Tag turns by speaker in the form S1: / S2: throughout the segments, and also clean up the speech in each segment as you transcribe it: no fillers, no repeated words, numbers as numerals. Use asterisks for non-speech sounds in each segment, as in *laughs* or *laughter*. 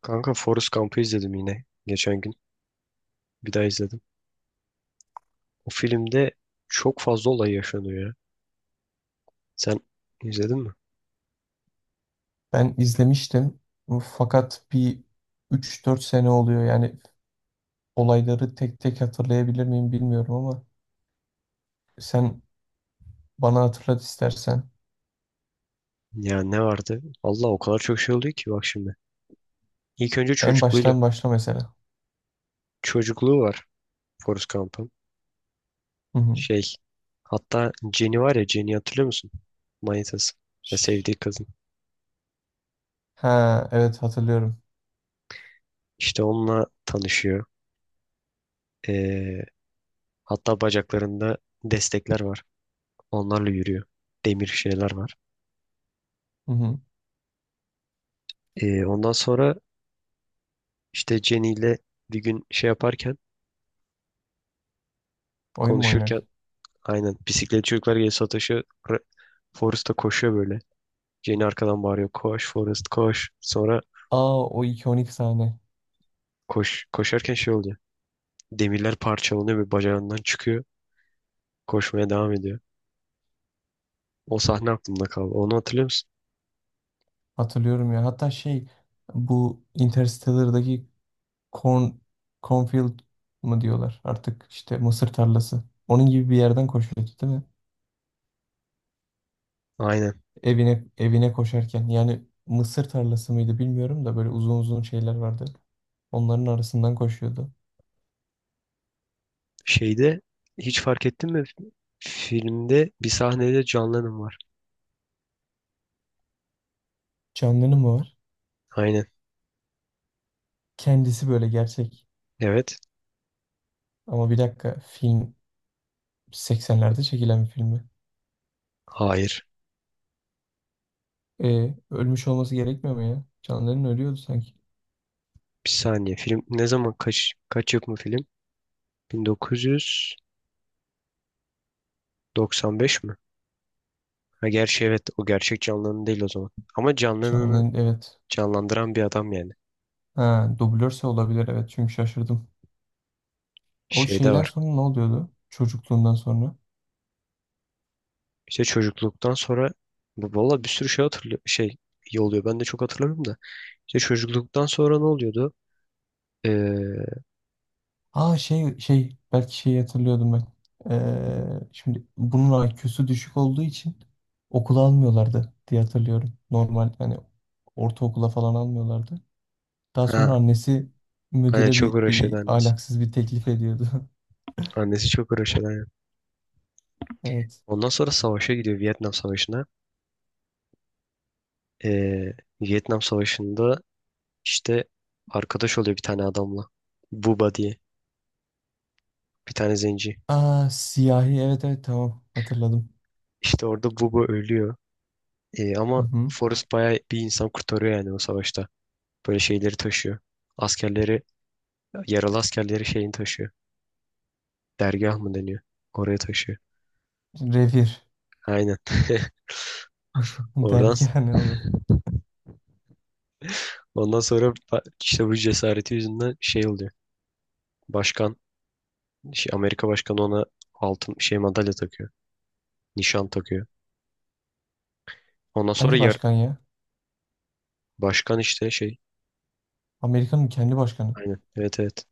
S1: Kanka Forrest Gump'ı izledim yine geçen gün. Bir daha izledim. O filmde çok fazla olay yaşanıyor ya. Sen izledin mi?
S2: Ben izlemiştim fakat bir üç dört sene oluyor yani olayları tek tek hatırlayabilir miyim bilmiyorum ama sen bana hatırlat istersen.
S1: Ya ne vardı? Allah o kadar çok şey oluyor ki bak şimdi. İlk önce
S2: En
S1: çocukluğuyla.
S2: baştan başla mesela.
S1: Çocukluğu var Forrest Gump'ın.
S2: Hı hı.
S1: Şey, hatta Jenny var ya, Jenny hatırlıyor musun? Manitası. Ya,
S2: Şş.
S1: sevdiği kadın.
S2: Ha, evet hatırlıyorum.
S1: İşte onunla tanışıyor. Ee, hatta bacaklarında destekler var. Onlarla yürüyor. Demir şeyler var.
S2: Hı hı.
S1: Ondan sonra İşte Jenny ile bir gün şey yaparken,
S2: Oyun mu
S1: konuşurken,
S2: oynarken?
S1: aynen, bisiklet çocuklar geliyor Satoshi, ra- Forrest koşuyor böyle. Jenny arkadan bağırıyor, koş Forrest koş. Sonra
S2: Aa, o 2-12 sahne.
S1: koşarken şey oluyor. Demirler parçalanıyor ve bacağından çıkıyor. Koşmaya devam ediyor. O sahne aklımda kaldı. Onu hatırlıyor musun?
S2: Hatırlıyorum ya. Hatta şey, bu Interstellar'daki corn, cornfield mı diyorlar artık, işte mısır tarlası. Onun gibi bir yerden koşuyordu, değil mi?
S1: Aynen.
S2: Evine evine koşarken yani mısır tarlası mıydı bilmiyorum da böyle uzun uzun şeyler vardı. Onların arasından koşuyordu.
S1: Şeyde hiç fark ettin mi? Filmde bir sahnede John Lennon var.
S2: Canlı'nın mı var?
S1: Aynen.
S2: Kendisi böyle gerçek.
S1: Evet.
S2: Ama bir dakika, film 80'lerde çekilen bir filmi.
S1: Hayır.
S2: E, ölmüş olması gerekmiyor mu ya? Canlı'nın ölüyordu sanki.
S1: Bir saniye. Film ne zaman, kaç yapımı film? 1900 95 mi? Ha gerçi evet, o gerçek canlının değil o zaman. Ama canlılığını
S2: Canlı'nın, evet.
S1: canlandıran bir adam yani.
S2: Ha, dublörse olabilir, evet, çünkü şaşırdım. O
S1: Şeyde
S2: şeyden
S1: var.
S2: sonra ne oluyordu? Çocukluğundan sonra.
S1: İşte çocukluktan sonra valla bir sürü şey hatırlıyor, şey iyi oluyor. Ben de çok hatırlamıyorum da. İşte çocukluktan sonra ne oluyordu? Ee,
S2: Aa, şey belki şeyi hatırlıyordum ben. Şimdi bunun IQ'su düşük olduğu için okula almıyorlardı diye hatırlıyorum. Normal hani ortaokula falan almıyorlardı. Daha
S1: ha
S2: sonra annesi
S1: aynen,
S2: müdüre
S1: çok
S2: bir,
S1: uğraşıyordu
S2: bir
S1: annesi.
S2: ahlaksız bir teklif ediyordu. *laughs*
S1: Annesi çok uğraşıyordu, aynen.
S2: Evet.
S1: Ondan sonra savaşa gidiyor, Vietnam Savaşı'na. Ee, Vietnam Savaşı'nda işte arkadaş oluyor bir tane adamla. Buba diye. Bir tane zenci.
S2: Aa, siyahi, evet evet, tamam, hatırladım.
S1: İşte orada Buba ölüyor.
S2: Hı
S1: Ama
S2: hı.
S1: Forrest bayağı bir insan kurtarıyor yani o savaşta. Böyle şeyleri taşıyor. Askerleri, yaralı askerleri, şeyini taşıyor. Dergah mı deniyor? Oraya taşıyor.
S2: Revir.
S1: Aynen. *laughs*
S2: *laughs*
S1: Oradan,
S2: Dergi ne oğlum?
S1: ondan sonra işte bu cesareti yüzünden şey oluyor. Başkan, şey, Amerika başkanı ona altın şey, madalya takıyor. Nişan takıyor. Ondan sonra
S2: Hangi başkan ya?
S1: başkan işte, şey.
S2: Amerika'nın kendi başkanı.
S1: Aynen. Evet, evet.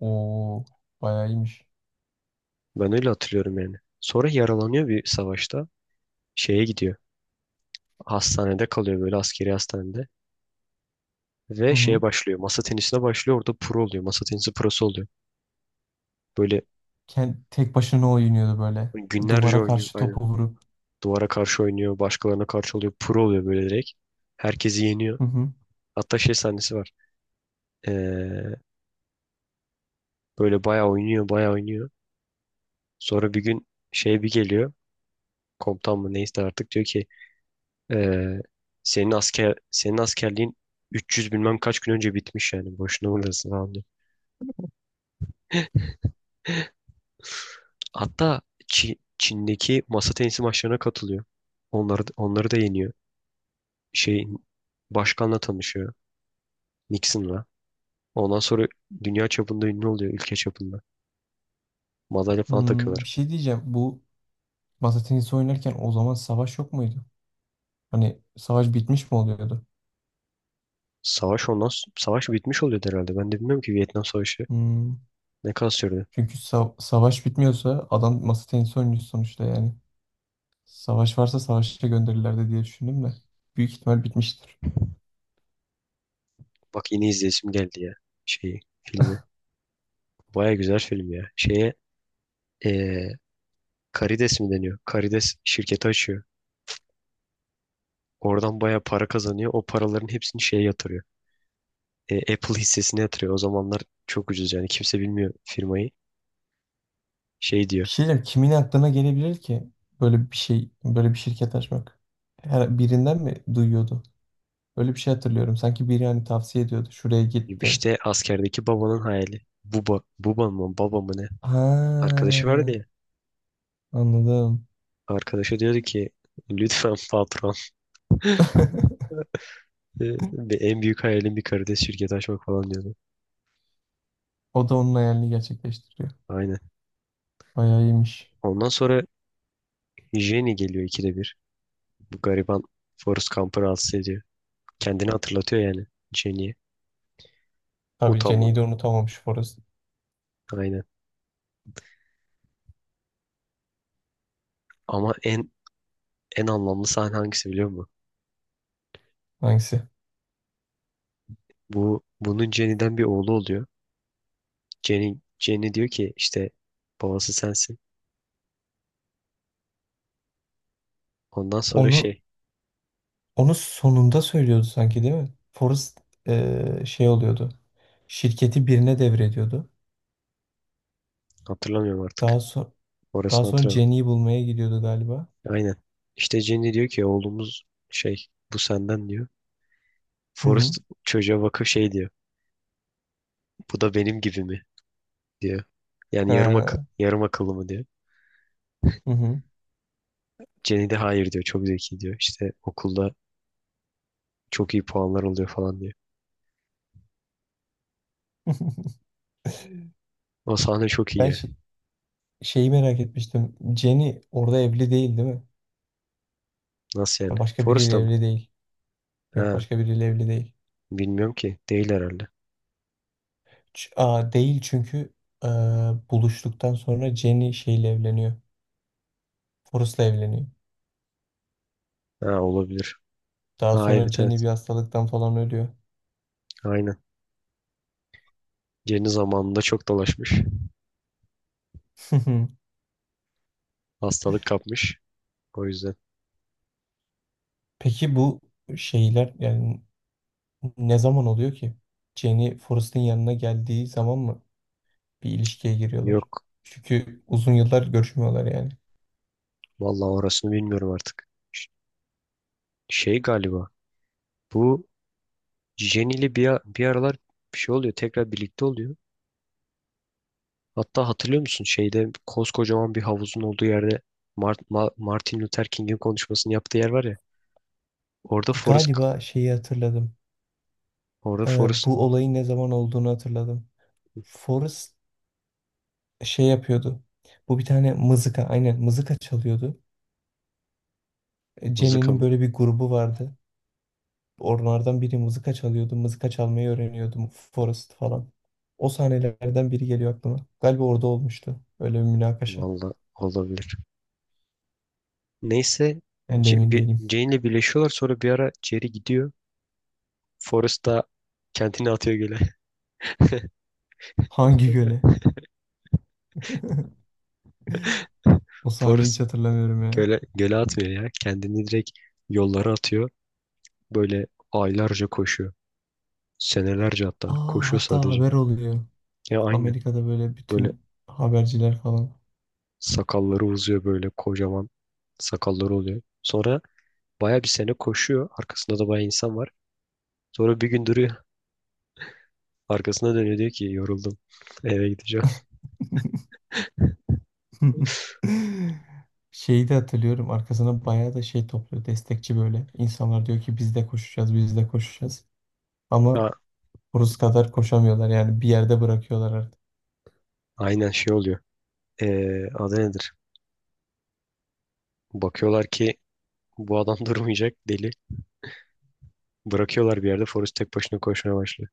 S2: Oo, bayağı iyiymiş.
S1: Ben öyle hatırlıyorum yani. Sonra yaralanıyor bir savaşta. Şeye gidiyor. Hastanede kalıyor böyle, askeri hastanede. Ve
S2: Hı
S1: şeye
S2: hı.
S1: başlıyor. Masa tenisine başlıyor. Orada pro oluyor. Masa tenisi prosu oluyor. Böyle
S2: Kend- tek başına oynuyordu böyle.
S1: günlerce
S2: Duvara
S1: oynuyor.
S2: karşı
S1: Aynen.
S2: topu vurup.
S1: Duvara karşı oynuyor. Başkalarına karşı oluyor. Pro oluyor böyle direkt. Herkesi yeniyor.
S2: Hı hı.
S1: Hatta şey sahnesi var. Ee, böyle bayağı oynuyor. Bayağı oynuyor. Sonra bir gün şey bir geliyor. Komutan mı neyse artık, diyor ki ee, senin askerliğin 300 bilmem kaç gün önce bitmiş yani. Boşuna uğraşsın falan diyor. Hatta Çin'deki masa tenisi maçlarına katılıyor. Onları da yeniyor. Şeyin, başkanla tanışıyor. Nixon'la. Ondan sonra dünya çapında ünlü oluyor, ülke çapında. Madalya falan
S2: Hmm,
S1: takıyorlar.
S2: bir şey diyeceğim. Bu masa tenisi oynarken o zaman savaş yok muydu? Hani savaş bitmiş mi oluyordu?
S1: Savaş, savaş bitmiş oluyor herhalde. Ben de bilmiyorum ki, Vietnam Savaşı
S2: Hmm.
S1: ne kadar sürdü.
S2: Çünkü savaş bitmiyorsa adam masa tenisi oynuyor sonuçta yani. Savaş varsa savaşa gönderirlerdi diye düşündüm de. Büyük ihtimal bitmiştir.
S1: Bak yine izleyesim geldi ya şeyi, filmi. Baya güzel film ya. Şeye, eee karides mi deniyor? Karides şirketi açıyor. Oradan baya para kazanıyor. O paraların hepsini şeye yatırıyor. Apple hissesine yatırıyor. O zamanlar çok ucuz yani, kimse bilmiyor firmayı. Şey diyor.
S2: Bir şey diyeceğim. Kimin aklına gelebilir ki böyle bir şey, böyle bir şirket açmak? Her birinden mi duyuyordu? Öyle bir şey hatırlıyorum. Sanki biri hani tavsiye ediyordu. Şuraya gitti.
S1: İşte askerdeki babanın hayali. Buba, buba mı, baba mı, ne?
S2: Ha,
S1: Arkadaşı vardı ya.
S2: anladım.
S1: Arkadaşı diyordu ki lütfen patron.
S2: *laughs*
S1: *laughs* Ve en büyük hayalim bir karides şirketi açmak falan diyordu.
S2: O da onun hayalini gerçekleştiriyor.
S1: Aynen.
S2: Bayağı iyiymiş.
S1: Ondan sonra Jenny geliyor ikide bir. Bu gariban Forrest Gump'ı rahatsız ediyor. Kendini hatırlatıyor yani Jenny'ye.
S2: Tabii Jenny'i
S1: Utanmadan.
S2: de unutamamış Forrest.
S1: Aynen. Ama en anlamlı sahne hangisi biliyor musun?
S2: Hangisi?
S1: Bunun Jenny'den bir oğlu oluyor. Jenny diyor ki işte, babası sensin. Ondan sonra
S2: Onu
S1: şey,
S2: onu sonunda söylüyordu sanki, değil mi? Forrest şey oluyordu. Şirketi birine devrediyordu.
S1: hatırlamıyorum artık.
S2: Daha sonra daha
S1: Orasını
S2: sonra
S1: hatırlamıyorum.
S2: Jenny'i bulmaya gidiyordu galiba.
S1: Aynen. İşte Jenny diyor ki oğlumuz şey, bu senden diyor.
S2: Hı hı.
S1: Forrest çocuğa bakıp şey diyor. Bu da benim gibi mi diyor. Yani
S2: Ha,
S1: yarım akıllı mı diyor.
S2: hı hı.
S1: Jenny de hayır diyor. Çok zeki diyor. İşte okulda çok iyi puanlar oluyor falan diyor.
S2: *laughs*
S1: O sahne çok iyi
S2: Ben
S1: ya.
S2: şeyi merak etmiştim. Jenny orada evli, değil değil mi?
S1: Nasıl yani?
S2: Ha, başka
S1: Forrest
S2: biriyle
S1: mı?
S2: evli değil. Yok,
S1: Ha,
S2: başka biriyle evli değil.
S1: bilmiyorum ki. Değil herhalde.
S2: Aa, değil, çünkü e, buluştuktan sonra Jenny şeyle evleniyor. Forrest'la evleniyor.
S1: Ha, olabilir.
S2: Daha
S1: Ha,
S2: sonra
S1: evet,
S2: Jenny
S1: evet.
S2: bir hastalıktan falan ölüyor.
S1: Aynen. Jenny zamanında çok dolaşmış.
S2: *laughs*
S1: Hastalık kapmış. O yüzden.
S2: Peki bu şeyler yani ne zaman oluyor ki? Jenny Forrest'ın yanına geldiği zaman mı bir ilişkiye giriyorlar?
S1: Yok.
S2: Çünkü uzun yıllar görüşmüyorlar yani.
S1: Vallahi orasını bilmiyorum artık. Şey galiba. Bu Jenny ile bir aralar bir şey oluyor. Tekrar birlikte oluyor. Hatta hatırlıyor musun şeyde, koskocaman bir havuzun olduğu yerde, Martin Luther King'in konuşmasını yaptığı yer var ya. Orada Forrest
S2: Galiba şeyi hatırladım.
S1: orada Forrest
S2: Bu olayın ne zaman olduğunu hatırladım. Forrest şey yapıyordu. Bu bir tane mızıka, aynen mızıka çalıyordu. E,
S1: mızıka
S2: Jenny'nin
S1: mı?
S2: böyle bir grubu vardı. Onlardan biri mızıka çalıyordu. Mızıka çalmayı öğreniyordu Forrest falan. O sahnelerden biri geliyor aklıma. Galiba orada olmuştu. Öyle bir münakaşa.
S1: Vallahi olabilir. Neyse
S2: Ben de emin değilim.
S1: Jane ile birleşiyorlar, sonra bir ara Jerry gidiyor. Forrest da kendini atıyor göle.
S2: Hangi göle? *laughs* O
S1: *laughs*
S2: sahneyi hiç
S1: Forrest
S2: hatırlamıyorum ya.
S1: göle atmıyor ya. Kendini direkt yollara atıyor. Böyle aylarca koşuyor. Senelerce hatta,
S2: Aa,
S1: koşuyor
S2: hatta
S1: sadece.
S2: haber oluyor.
S1: Ya aynen.
S2: Amerika'da böyle
S1: Böyle
S2: bütün haberciler falan.
S1: sakalları uzuyor, böyle kocaman sakalları oluyor. Sonra baya bir sene koşuyor. Arkasında da baya insan var. Sonra bir gün duruyor. Arkasına dönüyor, diyor ki yoruldum. *laughs* Eve gideceğim.
S2: *laughs* *laughs* Şeyi de hatırlıyorum. Arkasına bayağı da şey topluyor. Destekçi böyle. İnsanlar diyor ki biz de koşacağız, biz de koşacağız. Ama
S1: Ha,
S2: Rus kadar koşamıyorlar. Yani bir yerde bırakıyorlar
S1: aynen şey oluyor. Adı nedir? Bakıyorlar ki bu adam *laughs* durmayacak, deli. Bırakıyorlar bir yerde. Forrest tek başına koşmaya başlıyor.